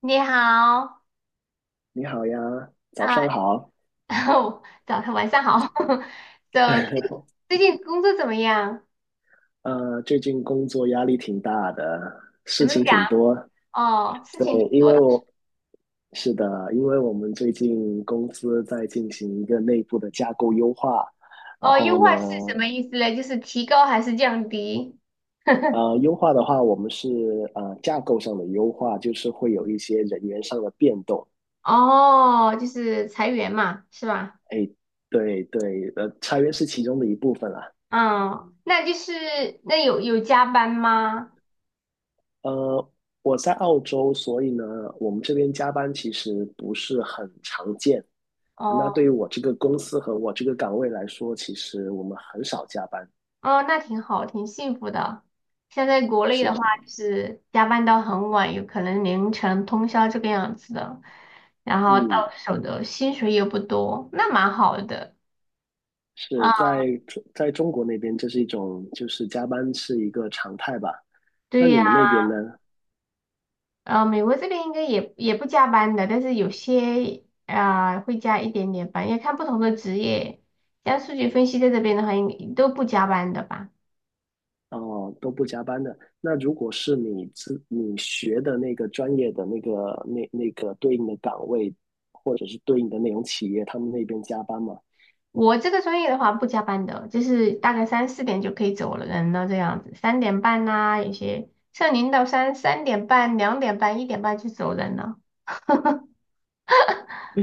你好，你好呀，早啊、上好。早上晚上好。So，最近 最近工作怎么样？最近工作压力挺大的，怎事么情讲？挺多。哦，事对，情挺因多为的。我是的，因为我们最近公司在进行一个内部的架构优化。然哦，后优化是什呢，么意思呢？就是提高还是降低？呃，优化的话，我们是呃架构上的优化，就是会有一些人员上的变动。哦，就是裁员嘛，是吧？哎，对对，裁员是其中的一部分啦。嗯，那就是那有加班吗？呃，我在澳洲，所以呢，我们这边加班其实不是很常见。那对于哦。我这个公司和我这个岗位来说，其实我们很少加班。哦，那挺好，挺幸福的。现在国内是的话，的。就是加班到很晚，有可能凌晨通宵这个样子的，然后到嗯，手的薪水又不多，那蛮好的。啊，是在在中国那边，这是一种就是加班是一个常态吧？那对你呀，们那边呢？美国这边应该也不加班的，但是有些会加一点点班，要看不同的职业。像数据分析在这边的话，应都不加班的吧？哦，都不加班的。那如果是你学的那个专业的那个对应的岗位，或者是对应的那种企业，他们那边加班吗？我这个专业的话不加班的，就是大概三四点就可以走了人了这样子，三点半呐、有些像零到三三点半、2点半、1点半就走人了。你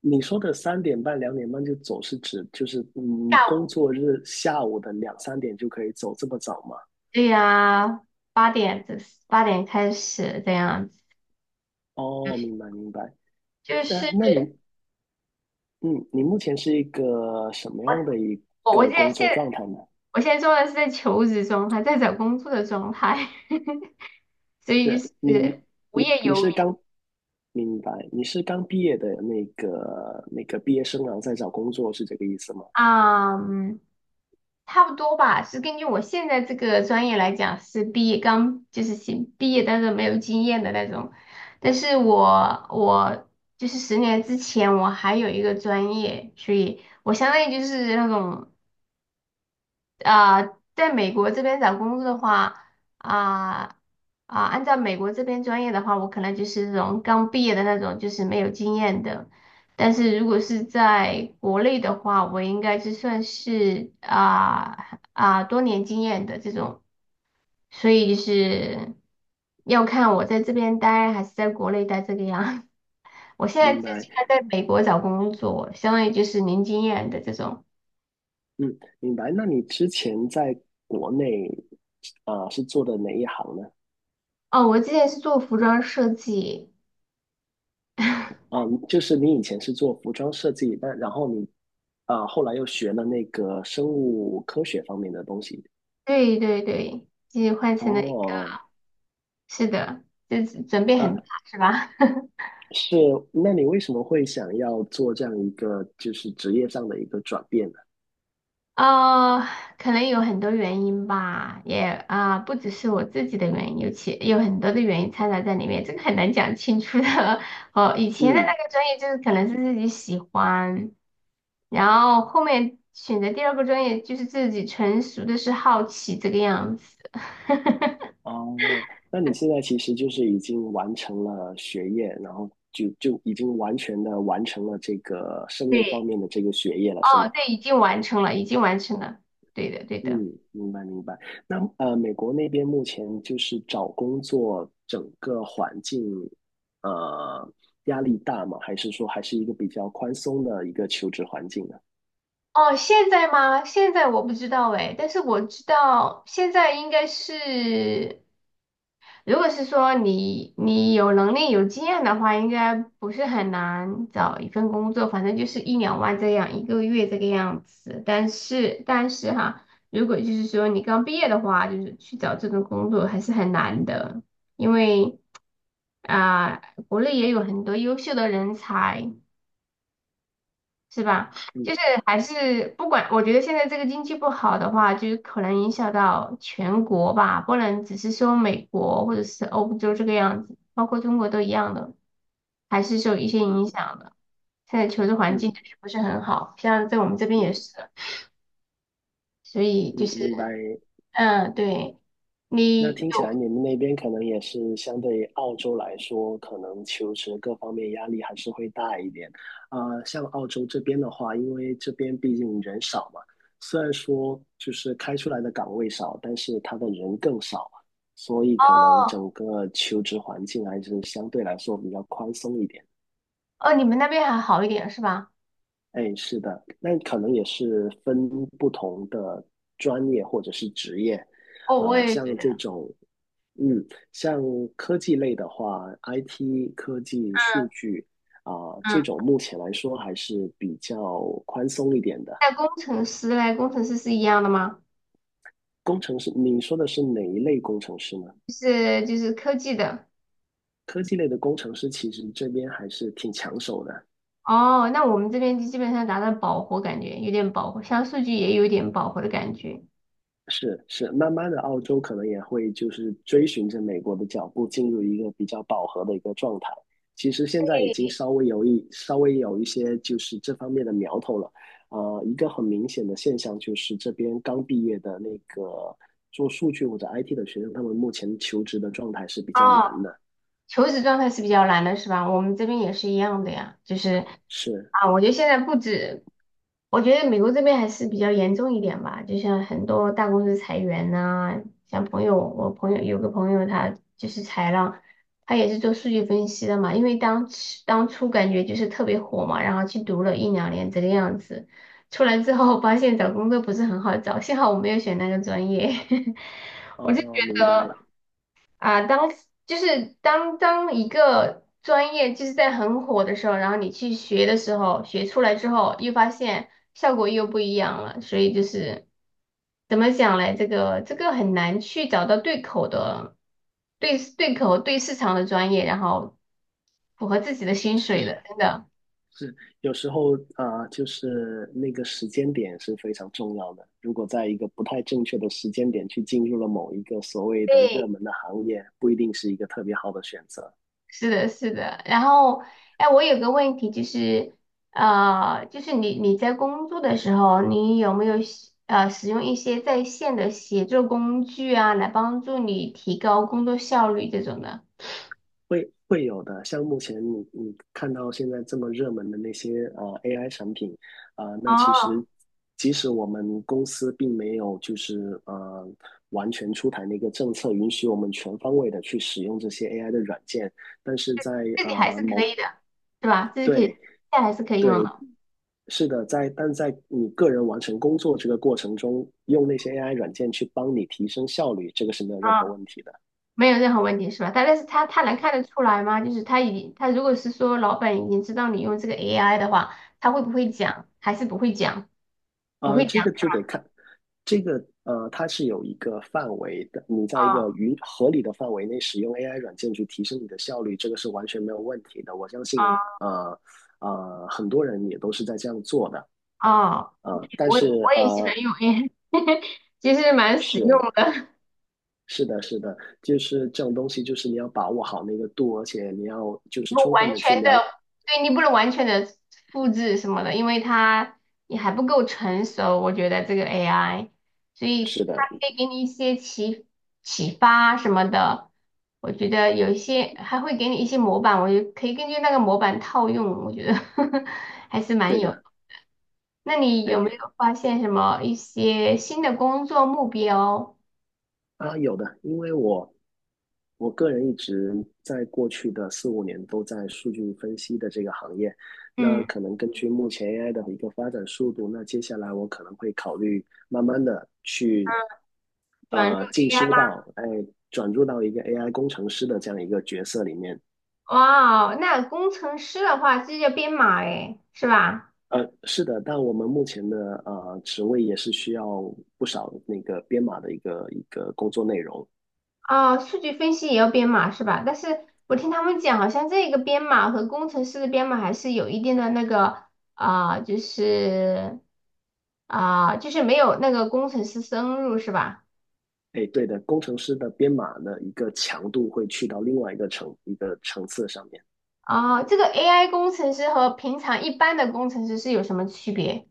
你说的3:30、2:30就走，是指就是下工午作日下午的两三点就可以走，这么早吗？对呀、八点这八点开始这样子，哦，明白明白。就那是那你嗯，你目前是一个什么样的一我我个现在工作现状态呢？我现在做的是在求职状态，在找工作的状态，所以就是你是无你业你游是民刚明白。你是刚毕业的那个毕业生，然后在找工作，是这个意思吗？啊，嗯差不多吧，是根据我现在这个专业来讲，是毕业刚就是新毕业，但是没有经验的那种。但是我就是10年之前我还有一个专业，所以我相当于就是那种在美国这边找工作的话，啊、按照美国这边专业的话，我可能就是这种刚毕业的那种，就是没有经验的。但是如果是在国内的话，我应该是算是多年经验的这种，所以就是要看我在这边待还是在国内待这个样。我现在明自己白。还在美国找工作，相当于就是零经验的这种。嗯，明白。那你之前在国内是做的哪一行呢？哦，我之前是做服装设计。嗯，就是你以前是做服装设计，但然后你后来又学了那个生物科学方面的东西。对对对，就是换成了一个，哦。是的，就是转变很大，啊，是吧？是。那你为什么会想要做这样一个就是职业上的一个转变呢？哦，可能有很多原因吧，也不只是我自己的原因，有很多的原因掺杂在里面，这个很难讲清楚的。哦，以前的嗯。那个专业就是可能是自己喜欢，然后后面选择第二个专业就是自己纯属的是好奇这个样子。哦，那你现在其实就是已经完成了学业，然后就已经完全的完成了这个生物方对，面的这个学业了，是哦，吗？对，已经完成了，已经完成了，对的，对的。嗯，明白明白。那美国那边目前就是找工作整个环境，呃，压力大吗？还是说还是一个比较宽松的一个求职环境呢？哦，现在吗？现在我不知道哎，但是我知道现在应该是，如果是说你有能力有经验的话，应该不是很难找一份工作，反正就是一两万这样一个月这个样子。但是哈，如果就是说你刚毕业的话，就是去找这种工作还是很难的，因为啊、国内也有很多优秀的人才。是吧？就是嗯。还是不管，我觉得现在这个经济不好的话，就是可能影响到全国吧，不能只是说美国或者是欧洲这个样子，包括中国都一样的，还是受一些影响的。现在求职环境就嗯。是不是很好，像在我们这边也嗯。是，所以就嗯，是明白。嗯，对，那你听起有来你们那边可能也是相对于澳洲来说，可能求职各方面压力还是会大一点。啊，像澳洲这边的话，因为这边毕竟人少嘛，虽然说就是开出来的岗位少，但是他的人更少，所以可能哦整个求职环境还是相对来说比较宽松一点。哦，你们那边还好一点是吧？哎，是的，那可能也是分不同的专业或者是职业，哦，我啊、也觉像得，这种，嗯，像科技类的话，IT 科技数据啊、嗯，这种目前来说还是比较宽松一点的。那工程师嘞，工程师是一样的吗？工程师，你说的是哪一类工程师呢？就是科技的。科技类的工程师其实这边还是挺抢手的。哦，那我们这边就基本上达到饱和，感觉有点饱和，像数据也有点饱和的感觉。是是，慢慢的，澳洲可能也会就是追寻着美国的脚步，进入一个比较饱和的一个状态。其实现在已经稍微有一些就是这方面的苗头了。一个很明显的现象就是这边刚毕业的那个做数据或者 IT 的学生，他们目前求职的状态是比哦，较难的。求职状态是比较难的，是吧？我们这边也是一样的呀，就是是。啊，我觉得现在不止，我觉得美国这边还是比较严重一点吧，就像很多大公司裁员呐、像朋友，我朋友有个朋友他就是裁了，他也是做数据分析的嘛，因为当初感觉就是特别火嘛，然后去读了一两年这个样子，出来之后发现找工作不是很好找，幸好我没有选那个专业。哦，明白。啊，当一个专业就是在很火的时候，然后你去学的时候，学出来之后，又发现效果又不一样了，所以就是怎么讲嘞？这个很难去找到对口的对对口对市场的专业，然后符合自己的薪水是。的，真的。是，有时候啊、就是那个时间点是非常重要的。如果在一个不太正确的时间点去进入了某一个所谓的热对，门的行业，不一定是一个特别好的选择。是的，是的。然后，哎，我有个问题就是，就是你在工作的时候，你有没有使用一些在线的协作工具啊，来帮助你提高工作效率这种的？会有的，像目前你看到现在这么热门的那些AI 产品，啊、那其哦，实即使我们公司并没有就是完全出台那个政策，允许我们全方位的去使用这些 AI 的软件，但是在这己还呃是可某以的，对吧？这是可以，对。现在还是可以用对，的。是的，但在你个人完成工作这个过程中，用那些 AI 软件去帮你提升效率，这个是没有任何啊，问题的。没有任何问题是吧？但是他能看得出来吗？就是他如果是说老板已经知道你用这个 AI 的话，他会不会讲？还是不会讲？不会这讲。个就得看，这个它是有一个范围的，你在一个啊允合理的范围内使用 AI 软件去提升你的效率，这个是完全没有问题的。我相信，啊呃很多人也都是在这样做的。啊！但我是我也喜欢呃，用 AI，其实蛮实用是的。是的，是的，就是这种东西，就是你要把握好那个度，而且你要就是不充分完的去全的，了。对你不能完全的复制什么的，因为它也还不够成熟。我觉得这个 AI，所以是它的，可以给你一些启发什么的。我觉得有一些还会给你一些模板，我就可以根据那个模板套用。我觉得 还是蛮对有。的，那你哎，有没有发现什么一些新的工作目标？啊，有的，因为我个人一直在过去的四五年都在数据分析的这个行业，那嗯，可能根据目前 AI 的一个发展速度，那接下来我可能会考虑慢慢的去转入 进 AI。修到，哎，转入到一个 AI 工程师的这样一个角色里面。哇哦，那工程师的话，这叫编码诶，是吧？是的，但我们目前的职位也是需要不少那个编码的一个工作内容。哦，数据分析也要编码是吧？但是我听他们讲，好像这个编码和工程师的编码还是有一定的那个啊、就是就是没有那个工程师深入是吧？哎，对的，工程师的编码的一个强度会去到另外一个层次上面，哦，这个 AI 工程师和平常一般的工程师是有什么区别？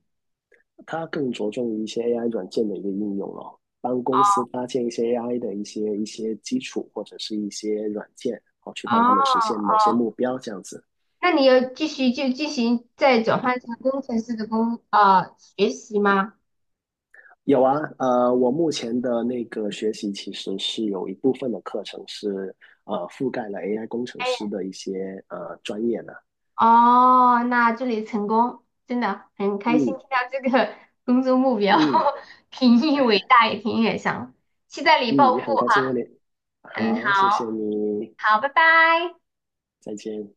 它更着重于一些 AI 软件的一个应用咯，帮公司搭建一些 AI 的一些基础或者是一些软件，好去哦帮他们实现某些哦，目标这样子。那你要继续就进行再转换成工程师的学习吗？有啊，我目前的那个学习其实是有一部分的课程是覆盖了 AI 工程师的一些专业的，哦，那祝你成功，真的很开心听到嗯这个 工作目标，嗯 挺伟大也挺远想，期待你嗯，暴富也很开心和哈。你，嗯，好，谢谢好，你，好，拜拜。再见。